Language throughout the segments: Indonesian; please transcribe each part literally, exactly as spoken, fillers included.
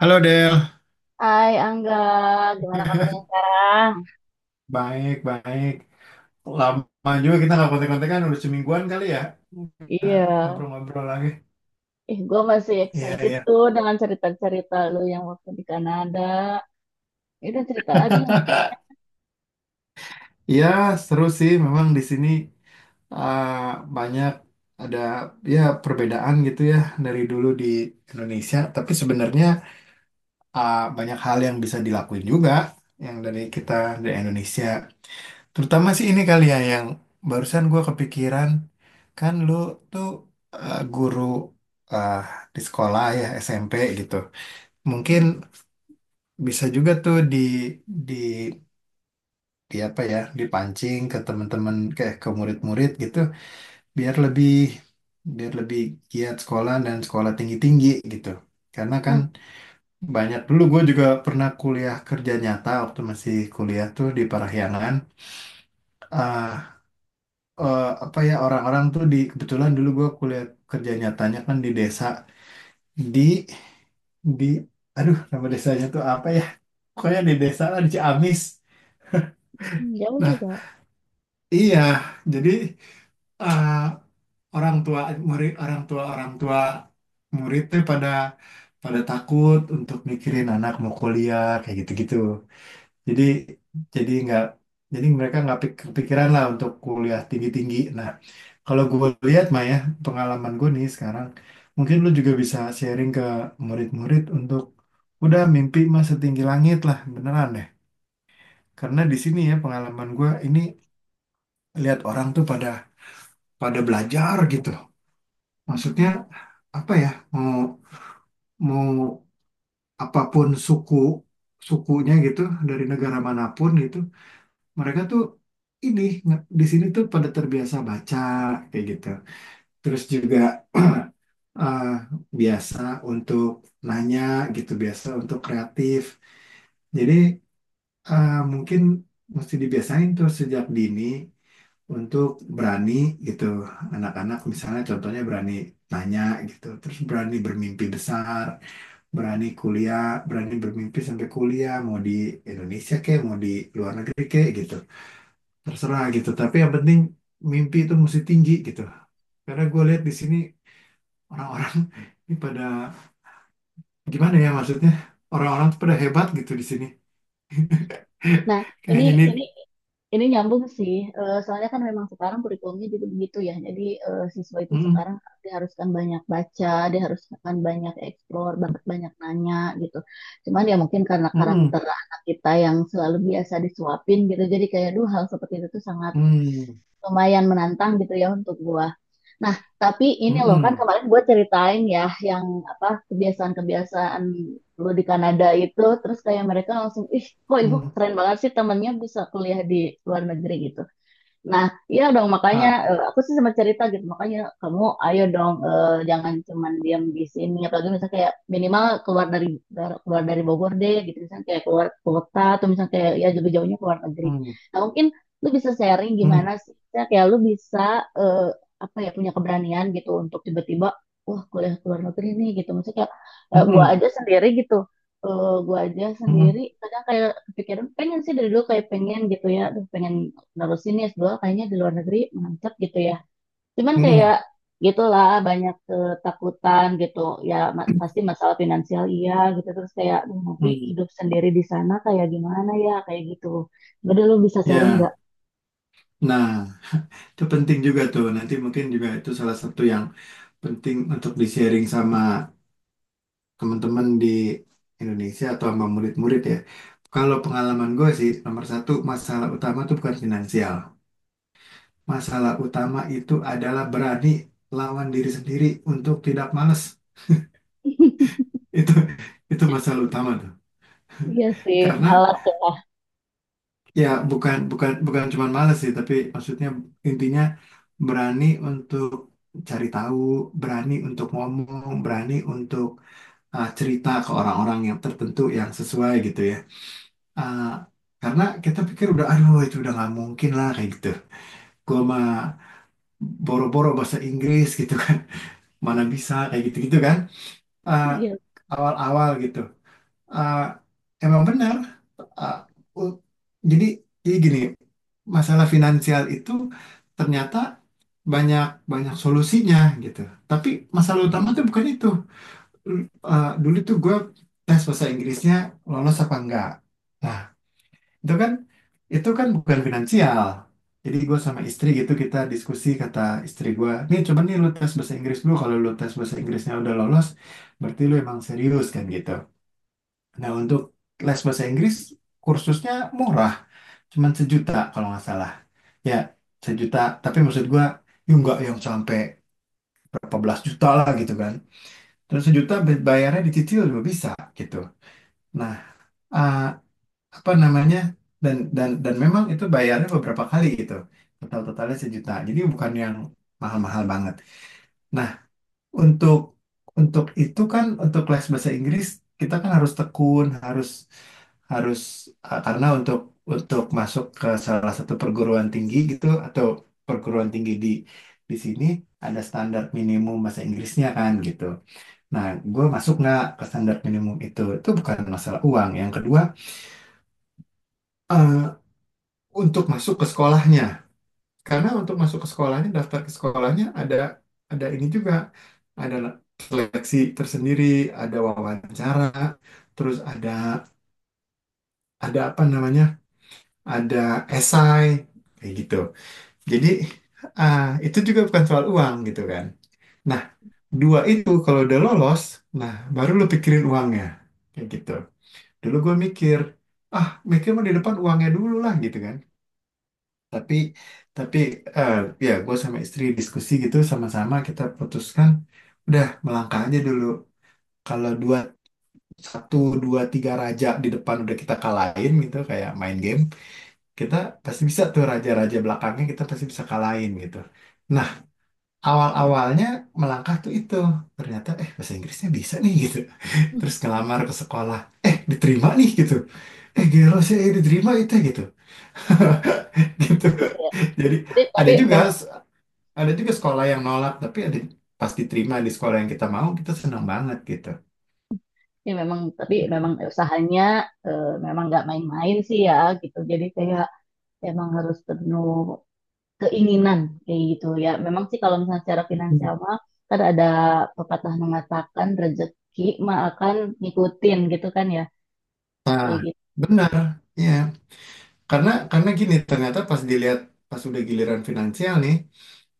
Halo, Del. Hai Angga, gimana kabarnya sekarang? Baik, baik. Lama juga kita nggak kontek-kontekan, udah semingguan kali ya. Kita Iya, ngobrol-ngobrol lagi. ih gue masih Iya, excited iya. tuh dengan cerita-cerita lu yang waktu di Kanada. Itu cerita lagi. Yang- Iya, seru sih. Memang di sini uh, banyak ada ya perbedaan gitu ya dari dulu di Indonesia. Tapi sebenarnya uh, banyak hal yang bisa dilakuin juga yang dari kita dari Indonesia. Terutama sih ini kali ya yang barusan gue kepikiran, kan lu tuh eh, guru, eh, di sekolah ya S M P gitu. Mungkin Mhm. bisa juga tuh di di di apa ya, dipancing ke teman-teman kayak ke murid-murid gitu, biar lebih biar lebih giat sekolah dan sekolah tinggi-tinggi gitu. Karena kan Nah, banyak, dulu gue juga pernah kuliah kerja nyata waktu masih kuliah tuh di Parahyangan. Eh, eh, apa ya, orang-orang tuh di, kebetulan dulu gue kuliah kerja nyatanya kan di desa, di di aduh nama desanya tuh apa ya, pokoknya di desa lah di Ciamis. hmm, jauh Nah, juga. iya, jadi eh, orang tua murid, orang tua orang tua murid tuh pada pada takut untuk mikirin anak mau kuliah kayak gitu-gitu. Jadi jadi nggak jadi mereka nggak pik- kepikiran lah untuk kuliah tinggi-tinggi. Nah, kalau gue lihat, Maya pengalaman gue nih sekarang, mungkin lu juga bisa sharing ke murid-murid untuk udah, mimpi mah setinggi langit lah, beneran deh. Karena di sini, ya pengalaman gue ini, lihat orang tuh pada pada belajar gitu. Maksudnya apa ya? Mau mau apapun suku sukunya gitu, dari negara manapun gitu, mereka tuh ini nge- di sini tuh pada terbiasa baca kayak gitu. Terus juga eh, biasa untuk nanya gitu, biasa untuk kreatif. Jadi eh, mungkin mesti dibiasain tuh sejak dini untuk berani gitu. Anak-anak misalnya, contohnya berani nanya gitu, terus berani bermimpi besar, berani kuliah, berani bermimpi sampai kuliah, mau di Indonesia kek, mau di luar negeri kek gitu. Terserah gitu, tapi yang penting mimpi itu mesti tinggi gitu. Karena gue lihat di sini, orang-orang ini pada, gimana ya, maksudnya orang-orang tuh pada hebat gitu di sini. Nah, ini Kayaknya ini. ini ini nyambung sih. Eh, soalnya kan memang sekarang kurikulumnya juga begitu ya. Jadi eh, siswa itu Mm, sekarang diharuskan banyak baca, diharuskan banyak eksplor, bahkan banyak nanya gitu. Cuman ya mungkin karena mm, karakter anak kita yang selalu biasa disuapin gitu. Jadi kayak duh hal seperti itu tuh sangat mm, lumayan menantang gitu ya untuk gua. Nah, tapi ini mm, loh kan mm, kemarin gua ceritain ya yang apa kebiasaan-kebiasaan lu di Kanada itu terus kayak mereka langsung ih kok ibu mm, keren banget sih temennya bisa kuliah di luar negeri gitu. Nah, iya dong makanya ah, eh, aku sih sempat cerita gitu makanya kamu ayo dong, eh, jangan cuman diam di sini, apalagi misalnya kayak minimal keluar dari dar- keluar dari Bogor deh gitu, misalnya kayak keluar kota atau misalnya kayak ya jauh-jauhnya keluar negeri. mm, Nah, mungkin lu bisa sharing mm, gimana sih. Misalnya kayak lu bisa, eh, apa ya, punya keberanian gitu untuk tiba-tiba wah kuliah ke luar negeri nih gitu, maksudnya kayak eh, gua mm, aja sendiri gitu, eh, gua aja sendiri mm, kadang kayak kepikiran pengen sih dari dulu kayak pengen gitu ya aduh pengen nerusin ya S dua kayaknya di luar negeri mantep gitu ya. Cuman mm, mm, kayak gitulah banyak ketakutan gitu. Ya ma- pasti masalah finansial iya gitu terus kayak "Duh, nanti mm. hidup sendiri di sana kayak gimana ya kayak gitu." Gede lu bisa sharing Ya, nggak? nah itu penting juga tuh, nanti mungkin juga itu salah satu yang penting untuk di sharing sama teman-teman di Indonesia atau sama murid-murid ya. Kalau pengalaman gue sih, nomor satu, masalah utama tuh bukan finansial. Masalah utama itu adalah berani lawan diri sendiri untuk tidak males. Itu itu masalah utama tuh. Iya sih, Karena malas ya. ya Iya, iya. bukan bukan bukan cuma males sih, tapi maksudnya, intinya berani untuk cari tahu, berani untuk ngomong, berani untuk uh, cerita ke orang-orang yang tertentu yang sesuai gitu ya. Uh, karena kita pikir udah, aduh itu udah nggak mungkin lah kayak gitu. Gua mah boro-boro bahasa Inggris gitu kan. Mana bisa kayak gitu-gitu kan, eh, Iya. awal-awal gitu. Eh, Emang benar. Eh, u- jadi, jadi gini, masalah finansial itu ternyata banyak banyak solusinya gitu. Tapi masalah utama tuh bukan itu. Lu- eh, dulu tuh gue tes bahasa Inggrisnya lolos apa enggak. Nah, itu kan itu kan bukan finansial. Jadi gue sama istri gitu kita diskusi, kata istri gue nih, coba nih lu tes bahasa Inggris dulu, kalau lu tes bahasa Inggrisnya udah lolos berarti lu emang serius kan gitu. Nah, untuk les bahasa Inggris, kursusnya murah, cuman sejuta kalau nggak salah, ya sejuta. Tapi maksud gue ya nggak yang sampai berapa belas juta lah gitu kan. Terus sejuta, bayarnya dicicil juga bisa gitu. Nah, eh, apa namanya, dan dan dan memang itu bayarnya beberapa kali gitu, total totalnya sejuta, jadi bukan yang mahal-mahal banget. Nah, untuk untuk itu kan, untuk les bahasa Inggris kita kan harus tekun, harus harus eh, karena untuk untuk masuk ke salah satu perguruan tinggi gitu, atau perguruan tinggi di di sini ada standar minimum bahasa Inggrisnya kan gitu. Nah, gue masuk nggak ke standar minimum itu? Itu bukan masalah uang. Yang kedua, eh, untuk masuk ke sekolahnya. Karena untuk masuk ke sekolahnya, daftar ke sekolahnya ada ada ini juga, ada seleksi tersendiri, ada wawancara, terus ada ada apa namanya, ada esai kayak gitu. Jadi ah, itu juga bukan soal uang gitu kan. Nah, dua itu kalau udah lolos, nah baru lu pikirin uangnya kayak gitu. Dulu gue mikir, ah mikir mah di depan uangnya dulu lah gitu kan. Tapi tapi eh, ya gue sama istri diskusi gitu, sama-sama kita putuskan udah melangkah aja dulu. Kalau dua satu dua tiga raja di depan udah kita kalahin gitu kayak main game, kita pasti bisa tuh raja-raja belakangnya kita pasti bisa kalahin gitu. Nah, awal-awalnya melangkah tuh itu, ternyata eh bahasa Inggrisnya bisa nih gitu, terus ngelamar ke sekolah, eh diterima nih gitu, eh gelo sih, eh, diterima itu gitu. Gitu, Iya, iya. jadi Jadi ada tapi juga memang ada juga sekolah yang nolak. Tapi ada, pas diterima di sekolah yang kita mau, kita senang banget gitu. ya memang tapi memang usahanya, eh, memang nggak main-main sih ya gitu. Jadi kayak emang harus penuh keinginan kayak gitu ya. Memang sih kalau misalnya secara finansial Mm. mah kan ada pepatah mengatakan rezeki mah akan ngikutin gitu kan ya. Nah, Kayak gitu. benar. Ya karena karena gini, ternyata pas dilihat, pas udah giliran finansial nih,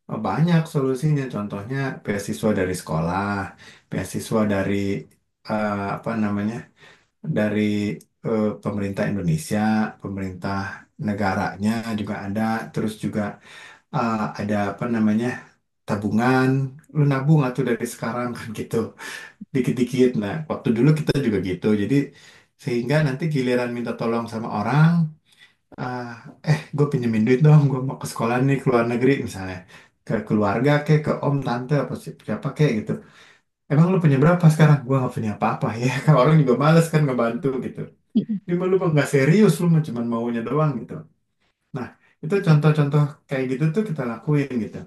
oh, banyak solusinya, contohnya beasiswa dari sekolah, beasiswa dari eh, apa namanya, dari eh, pemerintah Indonesia, pemerintah negaranya juga ada. Terus juga eh, ada apa namanya, tabungan, lu nabung atau dari sekarang, kan gitu, dikit-dikit. Nah, waktu dulu kita juga gitu. Jadi, sehingga nanti giliran minta tolong sama orang, ah, eh gue pinjemin duit dong, gue mau ke sekolah nih, ke luar negeri misalnya. Ke keluarga kek, ke om, tante, apa si- siapa kek gitu. Emang lu punya berapa sekarang? Gue gak punya apa-apa ya. Kalau orang juga males kan ngebantu gitu. Ini mah lu mah nggak serius, lu mah cuman maunya doang gitu. Nah, itu contoh-contoh kayak gitu tuh kita lakuin gitu.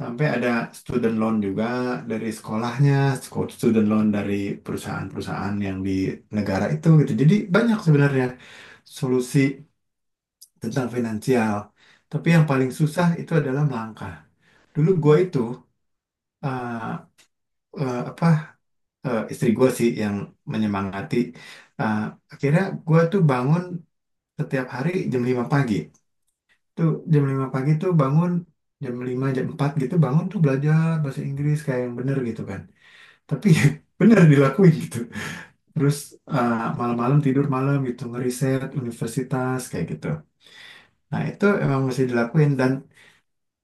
Sampai ada student loan juga dari sekolahnya, sco- student loan dari perusahaan-perusahaan yang di negara itu gitu. Jadi banyak sebenarnya solusi tentang finansial. Tapi yang paling susah itu adalah melangkah. Dulu gue Iya, itu eh, eh, apa, eh, istri gue sih yang menyemangati. Eh, Akhirnya gue tuh bangun setiap hari jam lima pagi. Tuh jam lima pagi tuh bangun, jam lima jam empat gitu bangun tuh, belajar bahasa Inggris kayak yang bener gitu kan. Tapi benar dilakuin gitu, terus eh, malam-malam tidur malam gitu ngeriset universitas kayak gitu. Nah itu emang mesti dilakuin, dan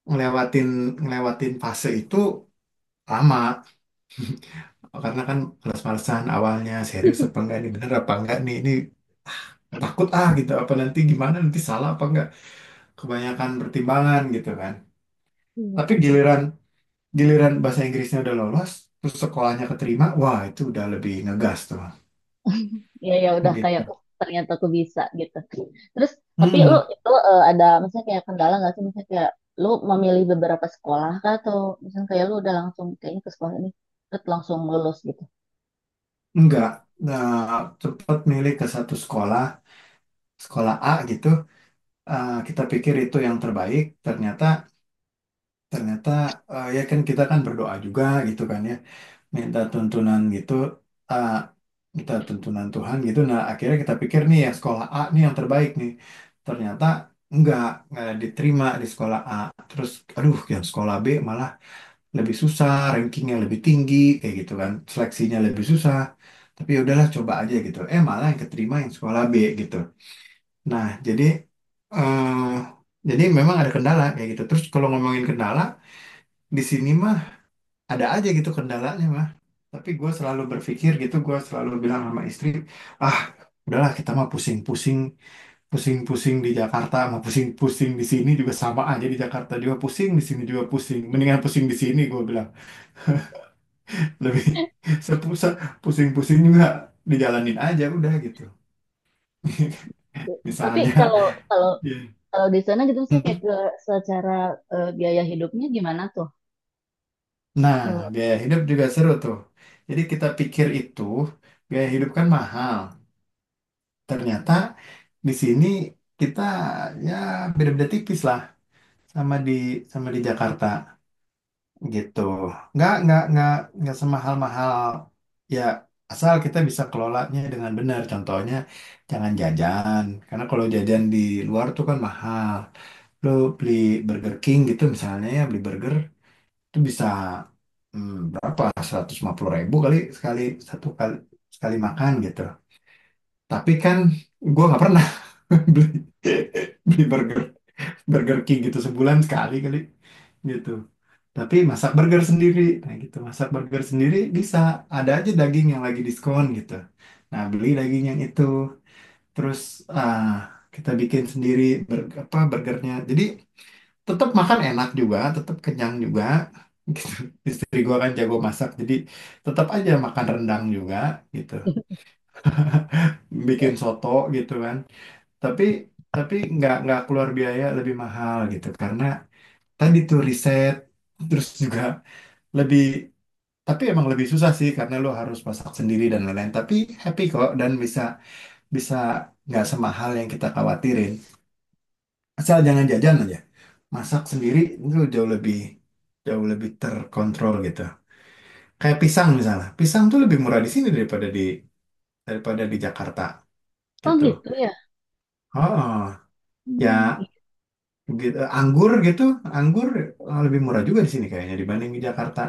ngelewatin ngelewatin fase itu lama, karena kan males-malesan awalnya, serius apa enggak ini, bener apa enggak nih ini, ah, takut ah gitu, apa nanti, gimana nanti, salah apa enggak, kebanyakan pertimbangan gitu kan. iya, Tapi pasti. giliran giliran bahasa Inggrisnya udah lolos, terus sekolahnya keterima, wah itu udah lebih ngegas tuh Ya ya udah kayak gitu. oh, ternyata aku bisa gitu. Terus tapi lu Hmm. itu eh, ada misalnya kayak kendala nggak sih, misalnya kayak lu memilih beberapa sekolah kah, atau misalnya kayak lu udah langsung kayaknya ke sekolah ini terus langsung lulus gitu. Enggak, nah, cepat milih ke satu sekolah, sekolah A gitu. Eh, kita pikir itu yang terbaik, ternyata ternyata eh, ya kan kita kan berdoa juga gitu kan ya, minta tuntunan gitu, eh, minta tuntunan Tuhan gitu. Nah, akhirnya kita pikir nih ya sekolah A nih yang terbaik nih. Ternyata enggak, enggak diterima di sekolah A. Terus aduh, yang sekolah B malah lebih susah, rankingnya lebih tinggi, kayak gitu kan, seleksinya lebih susah. Tapi ya udahlah coba aja gitu. Eh malah yang keterima yang sekolah B gitu. Nah jadi, eh jadi memang ada kendala kayak gitu. Terus kalau ngomongin kendala di sini mah ada aja gitu kendalanya mah. Tapi gue selalu berpikir gitu, gue selalu bilang sama istri, ah udahlah kita mah pusing-pusing, pusing-pusing di Jakarta, mau pusing-pusing di sini juga sama aja, di Jakarta juga pusing, di sini juga pusing. Mendingan pusing di sini gue bilang. Lebih sepusat, pusing-pusing juga dijalanin aja udah gitu. Tapi Misalnya. kalau kalau Iya. kalau di sana gitu misalnya kayak ke secara eh, biaya hidupnya gimana tuh? Nah biaya hidup juga seru tuh, jadi kita pikir itu biaya hidup kan mahal, ternyata di sini kita ya beda-beda tipis lah sama di sama di Jakarta gitu. Nggak nggak nggak nggak semahal-mahal, ya asal kita bisa kelolanya dengan benar. Contohnya jangan jajan, karena kalau jajan di luar tuh kan mahal. Lo beli Burger King gitu misalnya, ya beli burger itu bisa hmm, berapa, seratus lima puluh ribu kali sekali satu kali sekali makan gitu. Tapi kan gue nggak pernah beli, beli burger Burger King gitu sebulan sekali kali gitu. Tapi masak burger sendiri. Nah gitu, masak burger sendiri bisa. Ada aja daging yang lagi diskon gitu. Nah beli daging yang itu. Terus ah, kita bikin sendiri ber- apa burgernya. Jadi tetap makan enak juga, tetap kenyang juga. Gitu. Istri gua kan jago masak, jadi tetap aja makan rendang juga gitu. Eh, Bikin soto gitu kan. Tapi tapi nggak nggak keluar biaya lebih mahal gitu, karena tadi tuh riset, terus juga lebih. Tapi emang lebih susah sih karena lo harus masak sendiri dan lain-lain. Tapi happy kok, dan bisa, bisa nggak semahal yang kita khawatirin. Asal jangan jajan aja. Masak sendiri itu jauh lebih, jauh lebih terkontrol gitu. Kayak pisang misalnya. Pisang tuh lebih murah di sini daripada di, daripada di Jakarta oh gitu. gitu ya. Oh, Hmm, ya iya, gitu. Anggur gitu, anggur eh, lebih murah juga di sini kayaknya dibanding di Jakarta.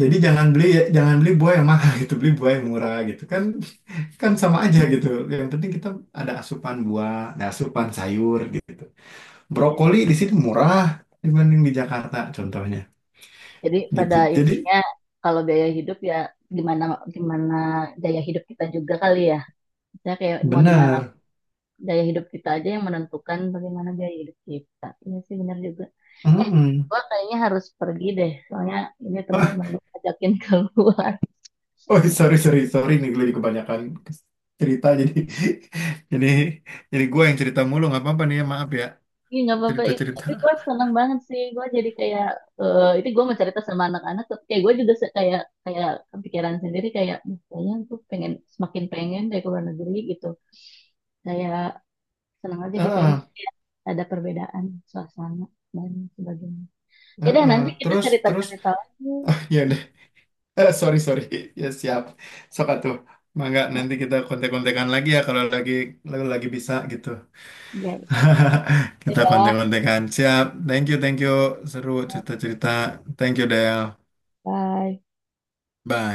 Jadi jangan beli jangan beli buah yang mahal, gitu, beli buah yang murah gitu kan, kan sama aja gitu. Yang penting kita ada asupan buah, ada asupan sayur gitu. iya, Brokoli iya. di sini murah dibanding di Jakarta contohnya Jadi gitu. pada Jadi intinya kalau gaya hidup ya gimana gimana gaya hidup kita juga kali ya. Kita kayak mau di mana benar. gaya hidup kita aja yang menentukan bagaimana gaya hidup kita. Iya sih benar juga. Eh, Mm-mm. gua kayaknya harus pergi deh. Soalnya ini Wah, teman-teman gue ajakin keluar. oh sorry sorry sorry nih, gue jadi kebanyakan cerita, jadi jadi jadi gue yang cerita mulu, nggak apa-apa nih ya, maaf ya, Iya nggak apa-apa. cerita Itu- cerita. Tapi gue seneng banget sih. Gue jadi kayak eh itu gue mau cerita sama anak-anak. Tapi kayak gue juga se- kayak kayak kepikiran sendiri kayak "Duh, kayaknya tuh pengen semakin pengen dari luar negeri gitu." Kayak seneng aja gitu ya Heeh, maksudnya ada perbedaan suasana dan sebagainya. Ya deh heeh. nanti kita Terus Terus cerita-cerita lagi. ya deh. Eh, sorry sorry ya, siap, sok tuh. Mangga nanti kita kontek-kontekan lagi ya, kalau lagi, kalau lagi bisa gitu. Ya Kita itu ya. konten kontekan, siap. Thank you, thank you. Seru cerita-cerita. Thank you, Del. Bye. Bye.